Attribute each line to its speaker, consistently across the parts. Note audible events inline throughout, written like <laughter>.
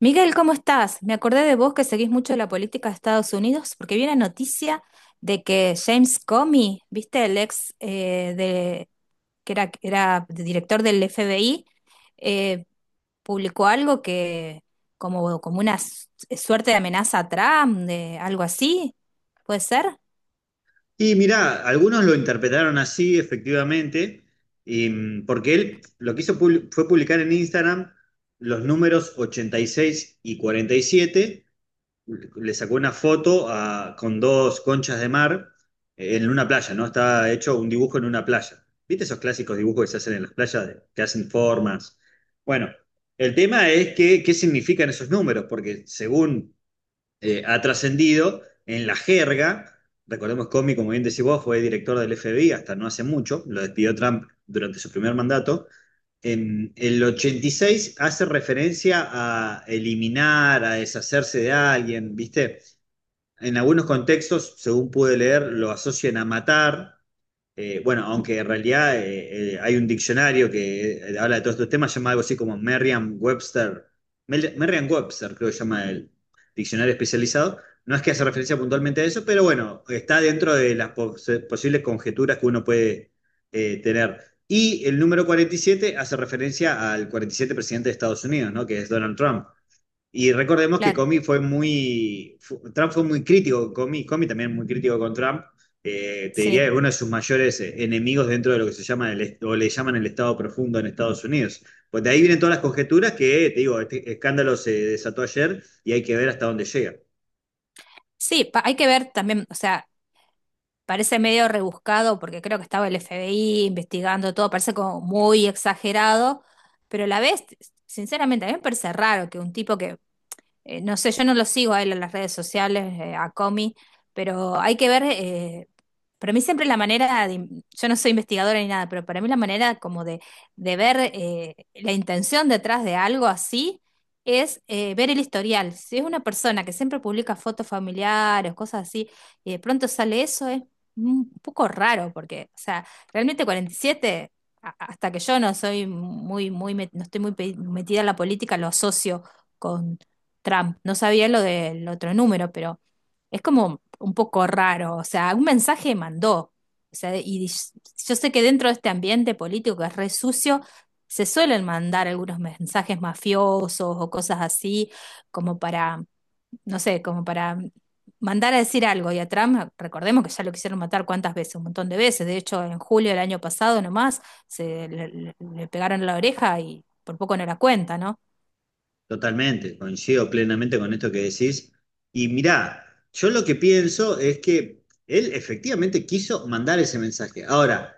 Speaker 1: Miguel, ¿cómo estás? Me acordé de vos que seguís mucho la política de Estados Unidos porque vi la noticia de que James Comey, viste, el ex de, era director del FBI, eh, publicó algo que como una suerte de amenaza a Trump, de algo así. ¿Puede ser?
Speaker 2: Y mirá, algunos lo interpretaron así, efectivamente, porque él lo que hizo fue publicar en Instagram los números 86 y 47. Le sacó una foto con dos conchas de mar en una playa, ¿no? Está hecho un dibujo en una playa. ¿Viste esos clásicos dibujos que se hacen en las playas, que hacen formas? Bueno, el tema es que qué significan esos números, porque según ha trascendido en la jerga. Recordemos, Comey, como bien decís vos, fue director del FBI hasta no hace mucho. Lo despidió Trump durante su primer mandato. En el 86 hace referencia a eliminar, a deshacerse de alguien, ¿viste? En algunos contextos, según pude leer, lo asocian a matar. Bueno, aunque en realidad hay un diccionario que habla de todos estos temas, llama algo así como Merriam-Webster. Merriam-Webster creo que llama el diccionario especializado. No es que hace referencia puntualmente a eso, pero bueno, está dentro de las posibles conjeturas que uno puede tener. Y el número 47 hace referencia al 47 presidente de Estados Unidos, ¿no? Que es Donald Trump. Y recordemos que
Speaker 1: Claro,
Speaker 2: Comey fue Trump fue muy crítico con Comey, Comey también muy crítico con Trump. Te
Speaker 1: sí.
Speaker 2: diría que uno de sus mayores enemigos dentro de lo que se llama o le llaman el Estado profundo en Estados Unidos. Pues de ahí vienen todas las conjeturas que, te digo, este escándalo se desató ayer y hay que ver hasta dónde llega.
Speaker 1: Sí, hay que ver también, o sea, parece medio rebuscado porque creo que estaba el FBI investigando todo, parece como muy exagerado, pero a la vez, sinceramente, a mí me parece raro que un tipo que no sé, yo no lo sigo a él en las redes sociales, a Comi, pero hay que ver, para mí siempre la manera, de, yo no soy investigadora ni nada, pero para mí la manera como de ver la intención detrás de algo así es ver el historial. Si es una persona que siempre publica fotos familiares, cosas así, y de pronto sale eso, es un poco raro, porque, o sea, realmente 47... Hasta que yo no soy muy muy, no estoy muy metida en la política, lo asocio Trump. No sabía lo del otro número, pero es como un poco raro. O sea, un mensaje mandó. O sea, y yo sé que dentro de este ambiente político que es re sucio, se suelen mandar algunos mensajes mafiosos o cosas así, como para, no sé, como para mandar a decir algo. Y a Trump, recordemos que ya lo quisieron matar cuántas veces, un montón de veces. De hecho, en julio del año pasado nomás, le pegaron en la oreja y por poco no la cuenta, ¿no?
Speaker 2: Totalmente, coincido plenamente con esto que decís. Y mirá, yo lo que pienso es que él efectivamente quiso mandar ese mensaje. Ahora,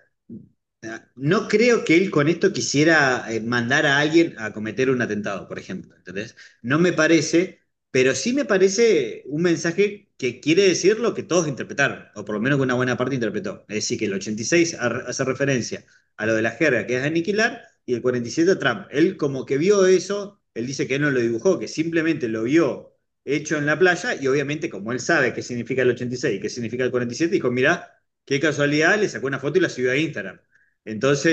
Speaker 2: no creo que él con esto quisiera mandar a alguien a cometer un atentado, por ejemplo. ¿Entendés? No me parece, pero sí me parece un mensaje que quiere decir lo que todos interpretaron, o por lo menos que una buena parte interpretó. Es decir, que el hace referencia a lo de la jerga, que es aniquilar, y el 47 a Trump. Él como que vio eso, él dice que él no lo dibujó, que simplemente lo vio hecho en la playa, y obviamente como él sabe qué significa el 86 y qué significa el 47, dijo, mirá, qué casualidad, le sacó una foto y la subió a Instagram.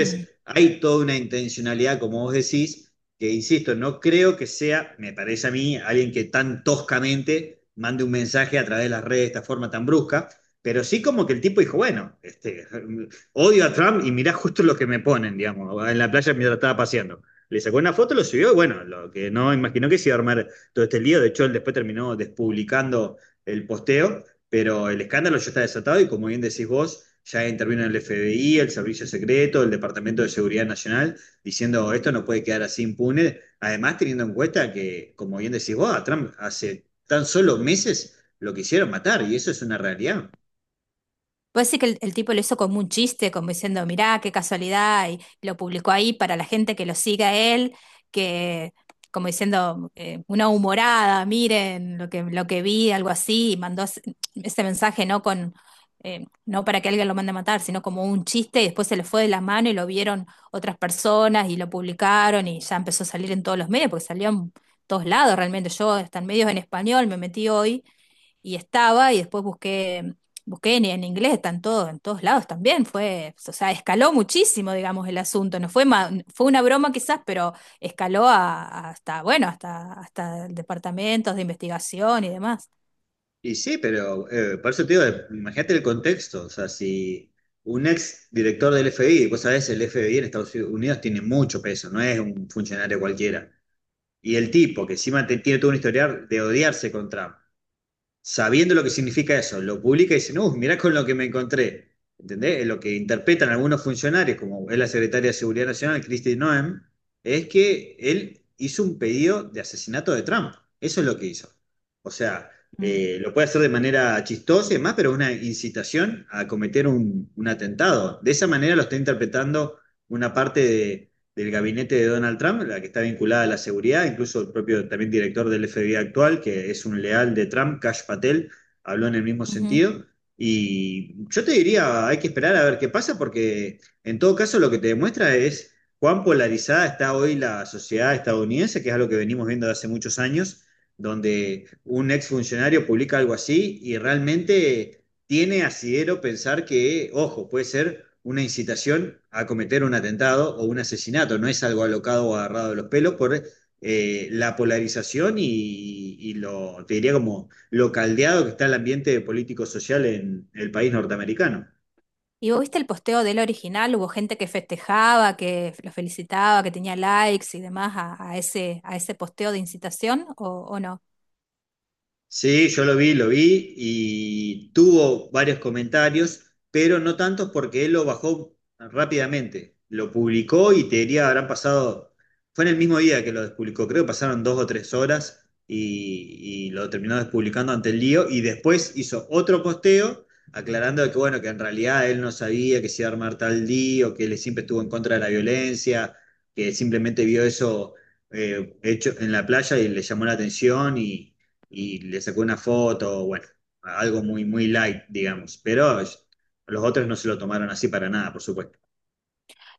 Speaker 1: Mm.
Speaker 2: hay toda una intencionalidad, como vos decís, que insisto, no creo que sea, me parece a mí, alguien que tan toscamente mande un mensaje a través de las redes de esta forma tan brusca, pero sí como que el tipo dijo, bueno, este, odio a Trump y mirá justo lo que me ponen, digamos, en la playa mientras estaba paseando. Le sacó una foto, lo subió y bueno, lo que no imaginó que se iba a armar todo este lío. De hecho él después terminó despublicando el posteo, pero el escándalo ya está desatado y, como bien decís vos, ya intervino el FBI, el Servicio Secreto, el Departamento de Seguridad Nacional, diciendo esto no puede quedar así impune. Además, teniendo en cuenta que, como bien decís vos, a Trump hace tan solo meses lo quisieron matar y eso es una realidad.
Speaker 1: Puede ser que el tipo lo hizo como un chiste, como diciendo, mirá, qué casualidad, y lo publicó ahí para la gente que lo siga a él, que como diciendo, una humorada, miren lo que vi, algo así, y mandó ese mensaje no con, no para que alguien lo mande a matar, sino como un chiste, y después se le fue de la mano y lo vieron otras personas y lo publicaron y ya empezó a salir en todos los medios, porque salió en todos lados realmente. Yo hasta en medios en español me metí hoy y estaba, y después busqué, busqué en inglés, están todos, en todos lados también, fue, o sea, escaló muchísimo, digamos, el asunto, no fue, fue una broma quizás, pero escaló a hasta, bueno, hasta departamentos de investigación y demás.
Speaker 2: Y sí, pero por eso te digo, imagínate el contexto, o sea, si un ex director del FBI, vos sabés, el FBI en Estados Unidos tiene mucho peso, no es un funcionario cualquiera. Y el tipo, que encima tiene todo un historial de odiarse con Trump, sabiendo lo que significa eso, lo publica y dicen, uff, mirá con lo que me encontré. ¿Entendés? Lo que interpretan algunos funcionarios, como es la secretaria de Seguridad Nacional, Kristi Noem, es que él hizo un pedido de asesinato de Trump. Eso es lo que hizo. O sea,
Speaker 1: Mm.
Speaker 2: lo puede hacer de manera chistosa y demás, pero es una incitación a cometer un atentado. De esa manera lo está interpretando una parte de del gabinete de Donald Trump, la que está vinculada a la seguridad, incluso el propio también director del FBI actual, que es un leal de Trump, Cash Patel, habló en el mismo
Speaker 1: Ujú.
Speaker 2: sentido. Y yo te diría, hay que esperar a ver qué pasa, porque en todo caso lo que te demuestra es cuán polarizada está hoy la sociedad estadounidense, que es algo que venimos viendo de hace muchos años, donde un exfuncionario publica algo así y realmente tiene asidero pensar que, ojo, puede ser una incitación a cometer un atentado o un asesinato, no es algo alocado o agarrado de los pelos por la polarización y lo, te diría como lo caldeado que está el ambiente político-social en el país norteamericano.
Speaker 1: ¿Y vos viste el posteo del original? Hubo gente que festejaba, que lo felicitaba, que tenía likes y demás a ese posteo de incitación, o no?
Speaker 2: Sí, yo lo vi y tuvo varios comentarios, pero no tantos porque él lo bajó rápidamente. Lo publicó y te diría, habrán pasado, fue en el mismo día que lo publicó, creo que pasaron dos o tres horas y lo terminó despublicando ante el lío y después hizo otro posteo aclarando que bueno, que en realidad él no sabía que se iba a armar tal lío, que él siempre estuvo en contra de la violencia, que simplemente vio eso hecho en la playa y le llamó la atención y le sacó una foto. Bueno, algo muy, muy light, digamos, pero los otros no se lo tomaron así para nada, por supuesto.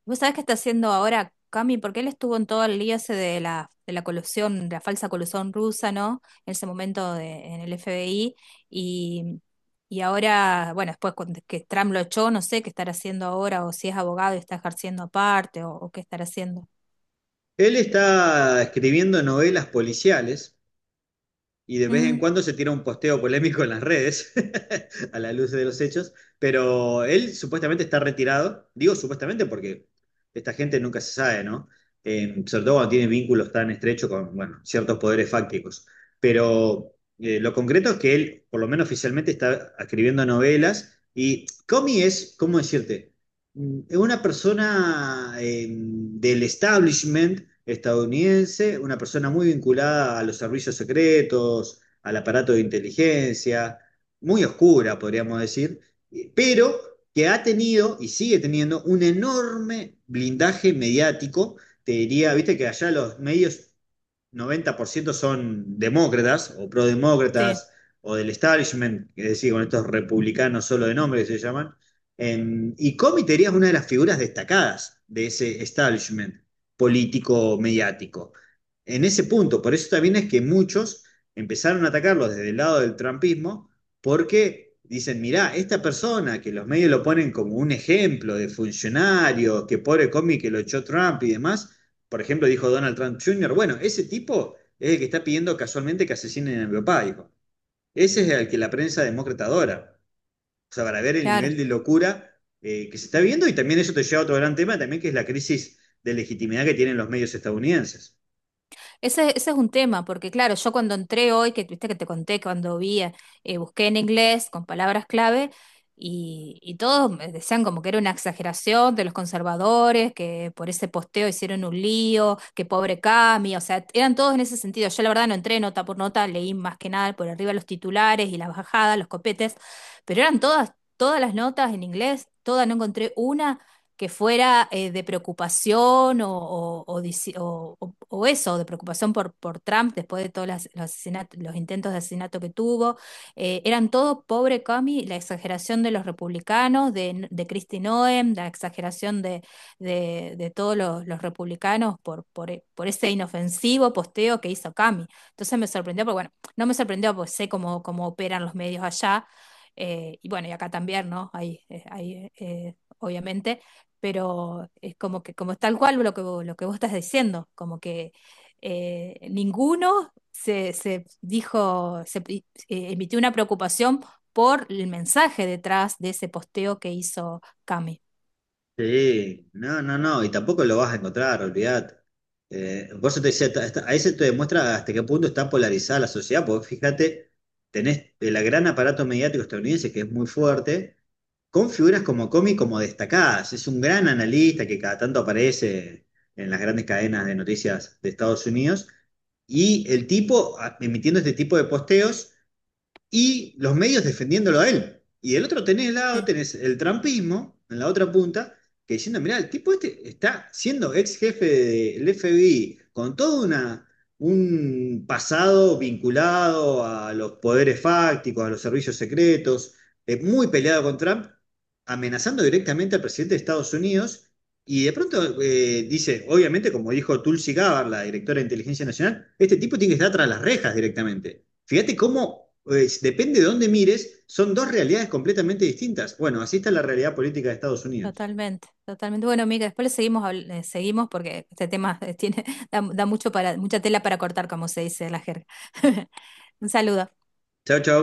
Speaker 1: ¿Vos sabés qué está haciendo ahora Cami? Porque él estuvo en todo el lío ese de la colusión, de la falsa colusión rusa, ¿no? En ese momento en el FBI. Y, y ahora, bueno, después que Trump lo echó, no sé qué estará haciendo ahora, o si es abogado y está ejerciendo aparte, o qué estará haciendo.
Speaker 2: Él está escribiendo novelas policiales, y de vez en
Speaker 1: Mm,
Speaker 2: cuando se tira un posteo polémico en las redes, <laughs> a la luz de los hechos, pero él supuestamente está retirado. Digo supuestamente porque esta gente nunca se sabe, ¿no? Sobre todo cuando tiene vínculos tan estrechos con, bueno, ciertos poderes fácticos, pero lo concreto es que él, por lo menos oficialmente, está escribiendo novelas. Y Comi es, ¿cómo decirte? Es una persona del establishment estadounidense, una persona muy vinculada a los servicios secretos, al aparato de inteligencia, muy oscura, podríamos decir, pero que ha tenido y sigue teniendo un enorme blindaje mediático. Te diría, viste que allá los medios 90% son demócratas o
Speaker 1: sí,
Speaker 2: prodemócratas o del establishment, es decir, con estos republicanos solo de nombre que se llaman. Y Comitería es una de las figuras destacadas de ese establishment político-mediático. En ese punto, por eso también es que muchos empezaron a atacarlo desde el lado del trumpismo, porque dicen, mirá, esta persona que los medios lo ponen como un ejemplo de funcionario, que pobre Comi que lo echó Trump y demás, por ejemplo, dijo Donald Trump Jr., bueno, ese tipo es el que está pidiendo casualmente que asesinen a mi papá, dijo. Ese es el que la prensa demócrata adora. O sea, para ver el
Speaker 1: claro.
Speaker 2: nivel de locura que se está viviendo, y también eso te lleva a otro gran tema también, que es la crisis de legitimidad que tienen los medios estadounidenses.
Speaker 1: Ese es un tema, porque claro, yo cuando entré hoy, que viste que te conté, cuando vi, busqué en inglés con palabras clave y todos me decían como que era una exageración de los conservadores, que por ese posteo hicieron un lío, que pobre Cami, o sea, eran todos en ese sentido. Yo la verdad no entré nota por nota, leí más que nada por arriba los titulares y las bajadas, los copetes, pero eran todas, todas las notas en inglés, todas, no encontré una que fuera de preocupación o, o o eso, de preocupación por Trump después de todos los, los intentos de asesinato que tuvo. Eran todos pobre Cami, la exageración de los republicanos, de Kristi Noem, la exageración de, de todos los republicanos por, por ese inofensivo posteo que hizo Cami. Entonces me sorprendió, porque bueno, no me sorprendió porque sé cómo, cómo operan los medios allá. Y bueno, y acá también, ¿no? Hay, hay obviamente, pero es como que, como tal cual lo que, lo que vos estás diciendo, como que ninguno se, se dijo, se emitió una preocupación por el mensaje detrás de ese posteo que hizo Cami.
Speaker 2: Sí, no, no, no, y tampoco lo vas a encontrar, olvídate. Por eso te decía, ahí se te demuestra hasta qué punto está polarizada la sociedad, porque fíjate, tenés el gran aparato mediático estadounidense que es muy fuerte, con figuras como Comi como destacadas. Es un gran analista que cada tanto aparece en las grandes cadenas de noticias de Estados Unidos. Y el tipo, emitiendo este tipo de posteos, y los medios defendiéndolo a él. Y del otro tenés lado,
Speaker 1: Sí,
Speaker 2: tenés el trampismo, en la otra punta, que diciendo, mirá, el tipo este está siendo ex jefe del FBI, con todo una, un pasado vinculado a los poderes fácticos, a los servicios secretos, muy peleado con Trump, amenazando directamente al presidente de Estados Unidos. Y de pronto dice, obviamente, como dijo Tulsi Gabbard, la directora de Inteligencia Nacional, este tipo tiene que estar tras las rejas directamente. Fíjate cómo, depende de dónde mires, son dos realidades completamente distintas. Bueno, así está la realidad política de Estados Unidos.
Speaker 1: totalmente, totalmente. Bueno, amiga, después le seguimos, seguimos porque este tema tiene, <laughs> da, da mucho para, mucha tela para cortar, como se dice en la jerga. <laughs> Un saludo.
Speaker 2: Chau, chau.